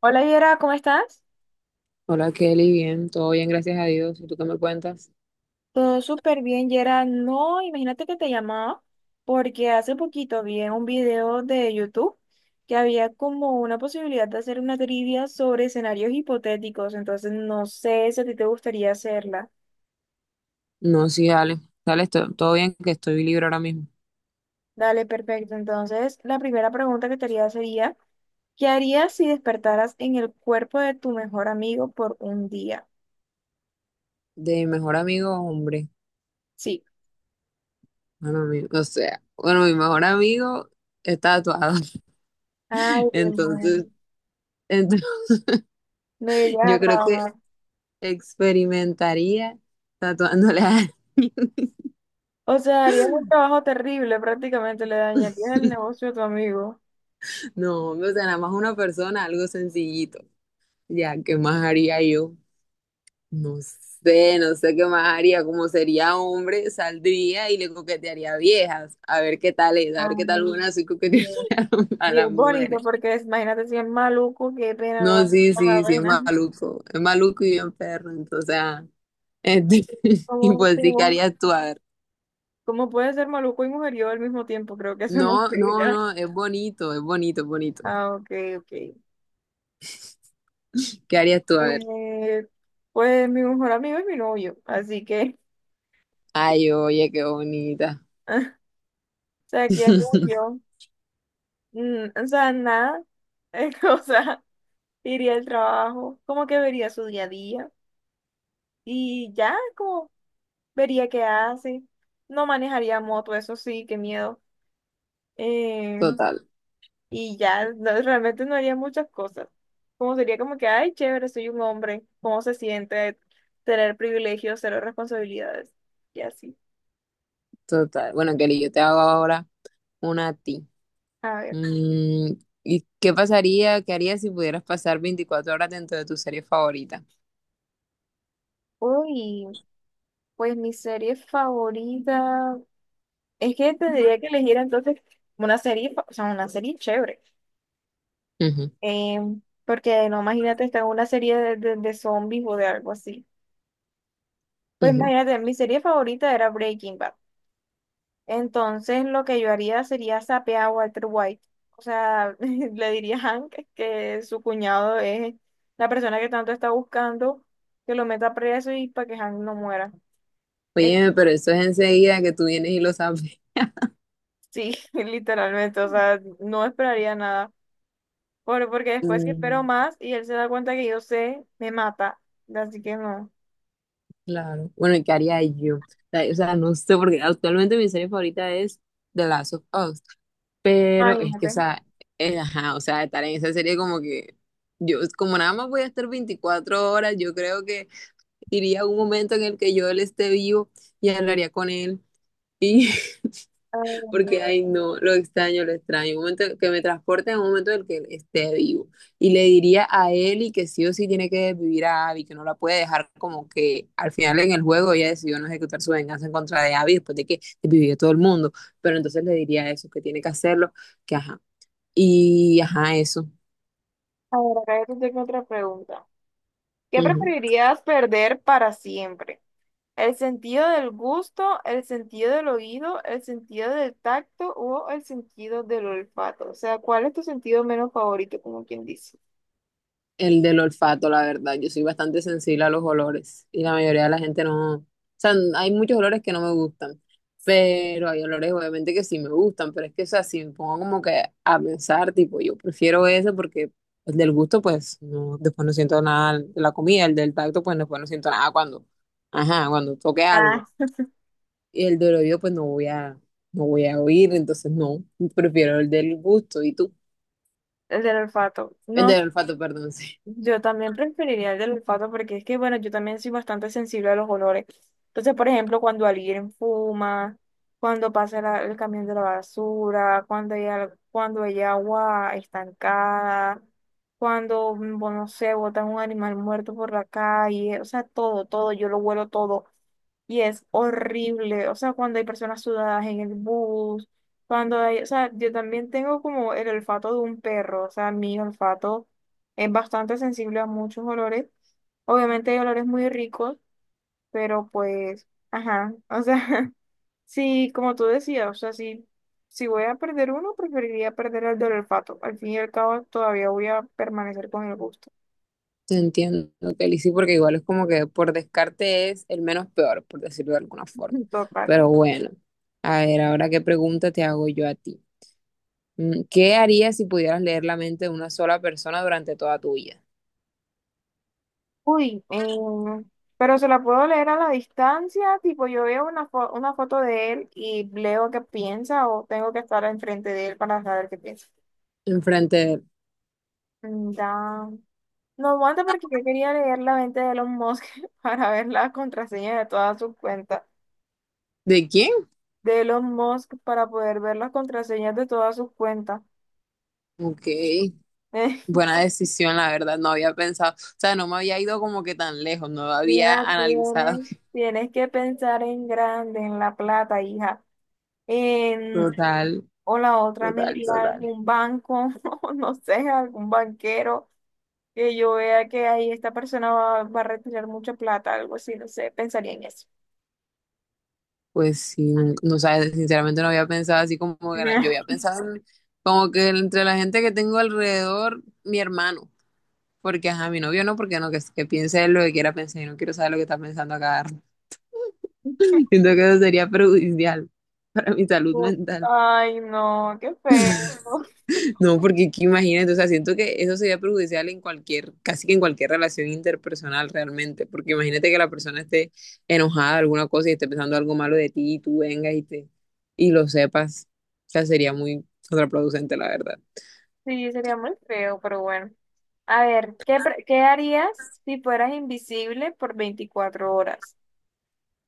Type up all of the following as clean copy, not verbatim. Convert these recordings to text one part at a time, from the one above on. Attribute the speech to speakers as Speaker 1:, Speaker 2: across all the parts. Speaker 1: Hola Yera, ¿cómo estás?
Speaker 2: Hola Kelly, bien, todo bien, gracias a Dios. ¿Y tú qué me cuentas?
Speaker 1: Todo súper bien, Yera. No, imagínate que te llamaba porque hace poquito vi en un video de YouTube que había como una posibilidad de hacer una trivia sobre escenarios hipotéticos, entonces no sé si a ti te gustaría hacerla.
Speaker 2: No, sí, dale, dale, todo bien, que estoy libre ahora mismo.
Speaker 1: Dale, perfecto. Entonces, la primera pregunta que te haría sería, ¿qué harías si despertaras en el cuerpo de tu mejor amigo por un día?
Speaker 2: De mi mejor amigo, hombre.
Speaker 1: Sí.
Speaker 2: Bueno, o sea, bueno, mi mejor amigo está tatuado.
Speaker 1: Ay, Dios mío.
Speaker 2: Entonces, entonces,
Speaker 1: No irías
Speaker 2: yo
Speaker 1: a
Speaker 2: creo que
Speaker 1: trabajar.
Speaker 2: experimentaría tatuándole a.
Speaker 1: O sea, harías un trabajo terrible, prácticamente le dañarías el negocio a tu amigo.
Speaker 2: No, hombre, o sea, nada más una persona, algo sencillito. Ya, ¿qué más haría yo? No sé, no sé qué más haría. Como sería hombre, saldría y le coquetearía a viejas. A ver qué tal es, a ver qué tal
Speaker 1: Ay,
Speaker 2: una así coqueteando
Speaker 1: Dios.
Speaker 2: a
Speaker 1: Y es
Speaker 2: las
Speaker 1: bonito
Speaker 2: mujeres.
Speaker 1: porque imagínate si es maluco, qué pena lo
Speaker 2: No,
Speaker 1: va a
Speaker 2: sí,
Speaker 1: pasar,
Speaker 2: sí, sí, es
Speaker 1: pena.
Speaker 2: maluco. Es maluco y bien perro. Entonces, este, y
Speaker 1: ¿Cómo,
Speaker 2: pues sí, ¿qué
Speaker 1: cómo,
Speaker 2: harías tú? A ver.
Speaker 1: cómo puede ser maluco y mujeriego al mismo tiempo? Creo que eso no
Speaker 2: No,
Speaker 1: se
Speaker 2: no,
Speaker 1: dirá.
Speaker 2: no, es bonito, es bonito, es bonito.
Speaker 1: Ah, ok, ok.
Speaker 2: ¿Qué harías tú? A ver.
Speaker 1: Eh, pues mi mejor amigo es mi novio, así que,
Speaker 2: Ay, oye, qué bonita.
Speaker 1: o sea, ¿qué haría yo? Mm, o sea, nada, o sea, iría al trabajo, como que vería su día a día y ya, como vería qué hace. No manejaría moto, eso sí, qué miedo. Eh,
Speaker 2: Total,
Speaker 1: y ya, realmente no haría muchas cosas. Como sería como que, ay, chévere, soy un hombre. ¿Cómo se siente tener privilegios, cero responsabilidades? Y así.
Speaker 2: total. Bueno, Kelly, yo te hago ahora una a ti.
Speaker 1: A ver.
Speaker 2: Mm, y qué harías si pudieras pasar 24 horas dentro de tu serie favorita?
Speaker 1: Uy, pues mi serie favorita. Es que tendría que elegir entonces una serie, o sea, una serie chévere.
Speaker 2: Ujú,
Speaker 1: Porque no, imagínate estar en una serie de de zombies o de algo así. Pues
Speaker 2: ujú.
Speaker 1: imagínate, mi serie favorita era Breaking Bad. Entonces, lo que yo haría sería sapear a Walter White. O sea, le diría a Hank que su cuñado es la persona que tanto está buscando, que lo meta preso y para que Hank no muera. Es,
Speaker 2: Oye, pero eso es enseguida que tú vienes y lo sabes.
Speaker 1: sí, literalmente. O sea, no esperaría nada. Por, porque después que espero
Speaker 2: Mm,
Speaker 1: más y él se da cuenta que yo sé, me mata. Así que no.
Speaker 2: claro. Bueno, ¿y qué haría yo? O sea, no sé, porque actualmente mi serie favorita es The Last of Us, pero es que, o
Speaker 1: Imagínate.
Speaker 2: sea, ajá, o sea, estar en esa serie como que yo, como nada más voy a estar 24 horas, yo creo que iría a un momento en el que yo él esté vivo y hablaría con él. y
Speaker 1: Ay,
Speaker 2: Porque,
Speaker 1: Dios.
Speaker 2: ay, no, lo extraño, lo extraño. Un momento que me transporte a un momento en el que él esté vivo. Y le diría a Eli que sí o sí tiene que vivir a Abby, que no la puede dejar como que al final en el juego ella decidió no ejecutar su venganza en contra de Abby después de que vivió todo el mundo. Pero entonces le diría eso, que tiene que hacerlo, que ajá. Y ajá, eso.
Speaker 1: A ver, acá yo te tengo otra pregunta. ¿Qué
Speaker 2: Ujú.
Speaker 1: preferirías perder para siempre? El sentido del gusto, el sentido del oído, el sentido del tacto o el sentido del olfato. O sea, ¿cuál es tu sentido menos favorito, como quien dice?
Speaker 2: El del olfato, la verdad. Yo soy bastante sensible a los olores y la mayoría de la gente no. O sea, hay muchos olores que no me gustan, pero hay olores obviamente que sí me gustan, pero es que, o sea, si me pongo como que a pensar, tipo, yo prefiero ese porque el del gusto, pues, no, después no siento nada de la comida, el del tacto, pues, después no siento nada cuando, ajá, cuando toque
Speaker 1: Ah,
Speaker 2: algo. Y el del oído, pues, no voy a oír, entonces no, prefiero el del gusto. ¿Y tú?
Speaker 1: el del olfato.
Speaker 2: El
Speaker 1: No.
Speaker 2: del olfato, perdón, sí.
Speaker 1: Yo también preferiría el del olfato porque es que, bueno, yo también soy bastante sensible a los olores. Entonces, por ejemplo, cuando alguien fuma, cuando pasa el camión de la basura, cuando hay, cuando hay agua estancada, cuando, bueno, no sé, botan un animal muerto por la calle, o sea, todo, todo, yo lo huelo todo. Y es horrible, o sea, cuando hay personas sudadas en el bus, cuando hay, o sea, yo también tengo como el olfato de un perro, o sea, mi olfato es bastante sensible a muchos olores. Obviamente hay olores muy ricos, pero pues, ajá, o sea, sí, como tú decías, o sea, sí, si voy a perder uno, preferiría perder el del olfato. Al fin y al cabo, todavía voy a permanecer con el gusto.
Speaker 2: Te entiendo, Kelly, sí, porque igual es como que por descarte es el menos peor, por decirlo de alguna forma.
Speaker 1: Total.
Speaker 2: Pero bueno, a ver, ahora qué pregunta te hago yo a ti. ¿Qué harías si pudieras leer la mente de una sola persona durante toda tu vida?
Speaker 1: Uy, pero se la puedo leer a la distancia, tipo yo veo una, una foto de él y leo qué piensa o tengo que estar enfrente de él para saber qué piensa.
Speaker 2: ¿Enfrente de,
Speaker 1: Mm, Da. No aguanta porque yo quería leer la mente de Elon Musk para ver las contraseñas de todas sus cuentas.
Speaker 2: de quién?
Speaker 1: De Elon Musk para poder ver las contraseñas de todas sus cuentas.
Speaker 2: Ok, buena decisión, la verdad, no había pensado, o sea, no me había ido como que tan lejos, no había
Speaker 1: Mira,
Speaker 2: analizado.
Speaker 1: tienes, tienes que pensar en grande, en la plata, hija. En
Speaker 2: Total,
Speaker 1: O la otra me
Speaker 2: total,
Speaker 1: iría a
Speaker 2: total.
Speaker 1: algún banco, o no sé, a algún banquero, que yo vea que ahí esta persona va, va a retirar mucha plata, algo así, no sé, pensaría en eso.
Speaker 2: Pues sí, no, no sabes, sinceramente no había pensado así como que yo había pensado como que entre la gente que tengo alrededor, mi hermano, porque ajá, mi novio no, porque no, que piense él lo que quiera pensar, yo no quiero saber lo que está pensando acá. Siento que eso sería perjudicial para mi salud mental.
Speaker 1: Ay, no, qué feo.
Speaker 2: No, porque que imagínate, o sea, siento que eso sería perjudicial en cualquier, casi que en cualquier relación interpersonal realmente, porque imagínate que la persona esté enojada de alguna cosa y esté pensando algo malo de ti y tú vengas y lo sepas. O sea, sería muy contraproducente, la verdad.
Speaker 1: Sí, sería muy feo, pero bueno. A ver, ¿qué, qué harías si fueras invisible por 24 horas?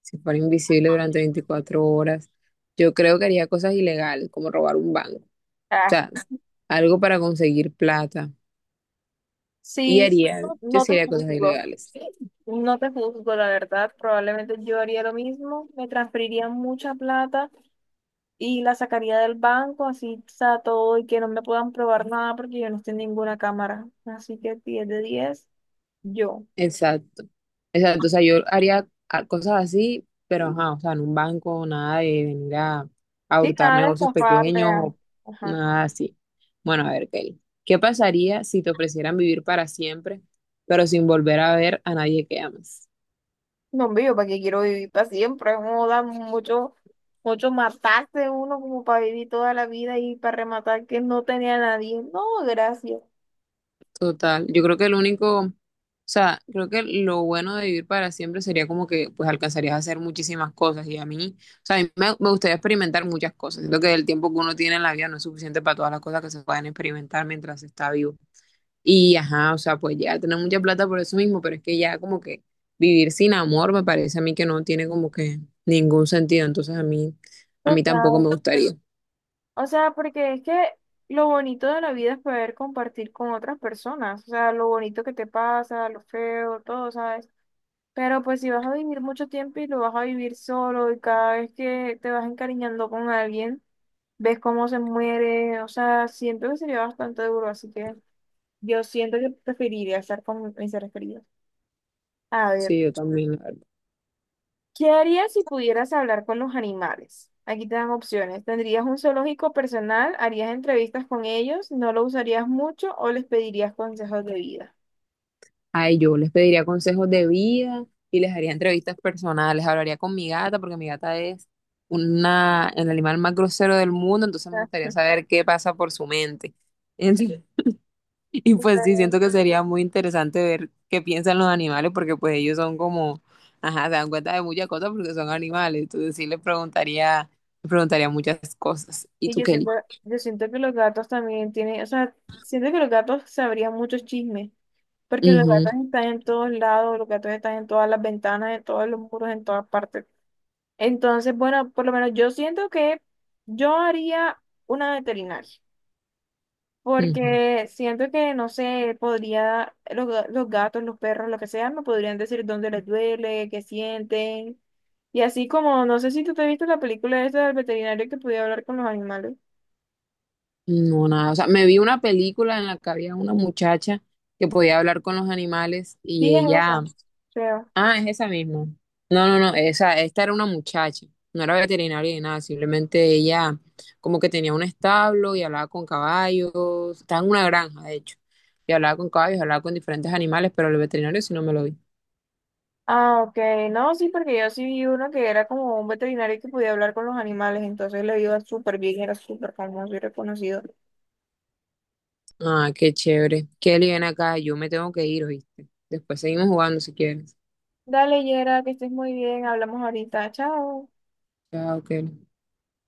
Speaker 2: Si fuera invisible durante 24 horas, yo creo que haría cosas ilegales, como robar un banco, o
Speaker 1: Ah,
Speaker 2: sea, algo para conseguir plata. Y
Speaker 1: sí,
Speaker 2: haría, yo
Speaker 1: no
Speaker 2: sí
Speaker 1: te
Speaker 2: haría cosas
Speaker 1: juzgo.
Speaker 2: ilegales.
Speaker 1: No te juzgo, la verdad. Probablemente yo haría lo mismo. Me transferiría mucha plata y la sacaría del banco, así está todo y que no me puedan probar nada porque yo no estoy en ninguna cámara. Así que 10 de 10 yo.
Speaker 2: Exacto, exacto. O sea, yo haría cosas así, pero ajá, o sea, en un banco, nada de venir a
Speaker 1: Sí,
Speaker 2: hurtar
Speaker 1: nada de
Speaker 2: negocios
Speaker 1: escaparle
Speaker 2: pequeños
Speaker 1: a-
Speaker 2: o
Speaker 1: Ajá.
Speaker 2: nada así. Bueno, a ver, Kelly, ¿qué pasaría si te ofrecieran vivir para siempre, pero sin volver a ver a nadie que amas?
Speaker 1: No, hombre, yo para qué quiero vivir para siempre. No da mucho, mucho matarse uno como para vivir toda la vida y para rematar que no tenía a nadie. No, gracias.
Speaker 2: Total, yo creo que el único, o sea, creo que lo bueno de vivir para siempre sería como que pues alcanzarías a hacer muchísimas cosas y a mí, o sea, a mí me gustaría experimentar muchas cosas, siento que el tiempo que uno tiene en la vida no es suficiente para todas las cosas que se pueden experimentar mientras se está vivo. Y ajá, o sea, pues ya tener mucha plata por eso mismo, pero es que ya como que vivir sin amor me parece a mí que no tiene como que ningún sentido, entonces a mí tampoco me
Speaker 1: Total.
Speaker 2: gustaría.
Speaker 1: O sea, porque es que lo bonito de la vida es poder compartir con otras personas. O sea, lo bonito que te pasa, lo feo, todo, ¿sabes? Pero pues si vas a vivir mucho tiempo y lo vas a vivir solo y cada vez que te vas encariñando con alguien, ves cómo se muere, o sea, siento que sería bastante duro, así que yo siento que preferiría estar con mis seres queridos. A ver,
Speaker 2: Sí, yo también.
Speaker 1: ¿qué harías si pudieras hablar con los animales? Aquí te dan opciones. ¿Tendrías un zoológico personal? ¿Harías entrevistas con ellos? ¿No lo usarías mucho o les pedirías consejos de vida?
Speaker 2: Ay, yo les pediría consejos de vida y les haría entrevistas personales. Hablaría con mi gata porque mi gata es el animal más grosero del mundo, entonces me gustaría saber qué pasa por su mente. Entonces- y pues sí, siento que sería muy interesante ver qué piensan los animales porque pues ellos son como, ajá, se dan cuenta de muchas cosas porque son animales. Entonces sí les preguntaría muchas cosas. ¿Y
Speaker 1: Y
Speaker 2: tú, Kelly?
Speaker 1: yo siento que los gatos también tienen, o sea, siento que los gatos sabrían muchos chismes, porque los
Speaker 2: Ujú,
Speaker 1: gatos están en todos lados, los gatos están en todas las ventanas, en todos los muros, en todas partes. Entonces, bueno, por lo menos yo siento que yo haría una veterinaria,
Speaker 2: ujú.
Speaker 1: porque siento que, no sé, podría, los, los gatos, los perros, lo que sea, me podrían decir dónde les duele, qué sienten. Y así como, no sé si tú te viste la película esta del veterinario que podía hablar con los animales.
Speaker 2: No, nada. O sea, me vi una película en la que había una muchacha que podía hablar con los animales y
Speaker 1: Sí, es
Speaker 2: ella.
Speaker 1: esa, creo.
Speaker 2: Ah, es esa misma. No, no, no. Esta era una muchacha. No era veterinaria ni nada. Simplemente ella como que tenía un establo y hablaba con caballos. Estaba en una granja, de hecho. Y hablaba con caballos, hablaba con diferentes animales, pero el veterinario sí no me lo vi.
Speaker 1: Ah, ok. No, sí, porque yo sí vi uno que era como un veterinario que podía hablar con los animales, entonces le iba súper bien, era súper famoso y reconocido.
Speaker 2: Ah, qué chévere. Kelly, ven acá. Yo me tengo que ir, ¿oíste? Después seguimos jugando si quieres.
Speaker 1: Dale, Yera, que estés muy bien, hablamos ahorita, chao.
Speaker 2: Chao, Kelly.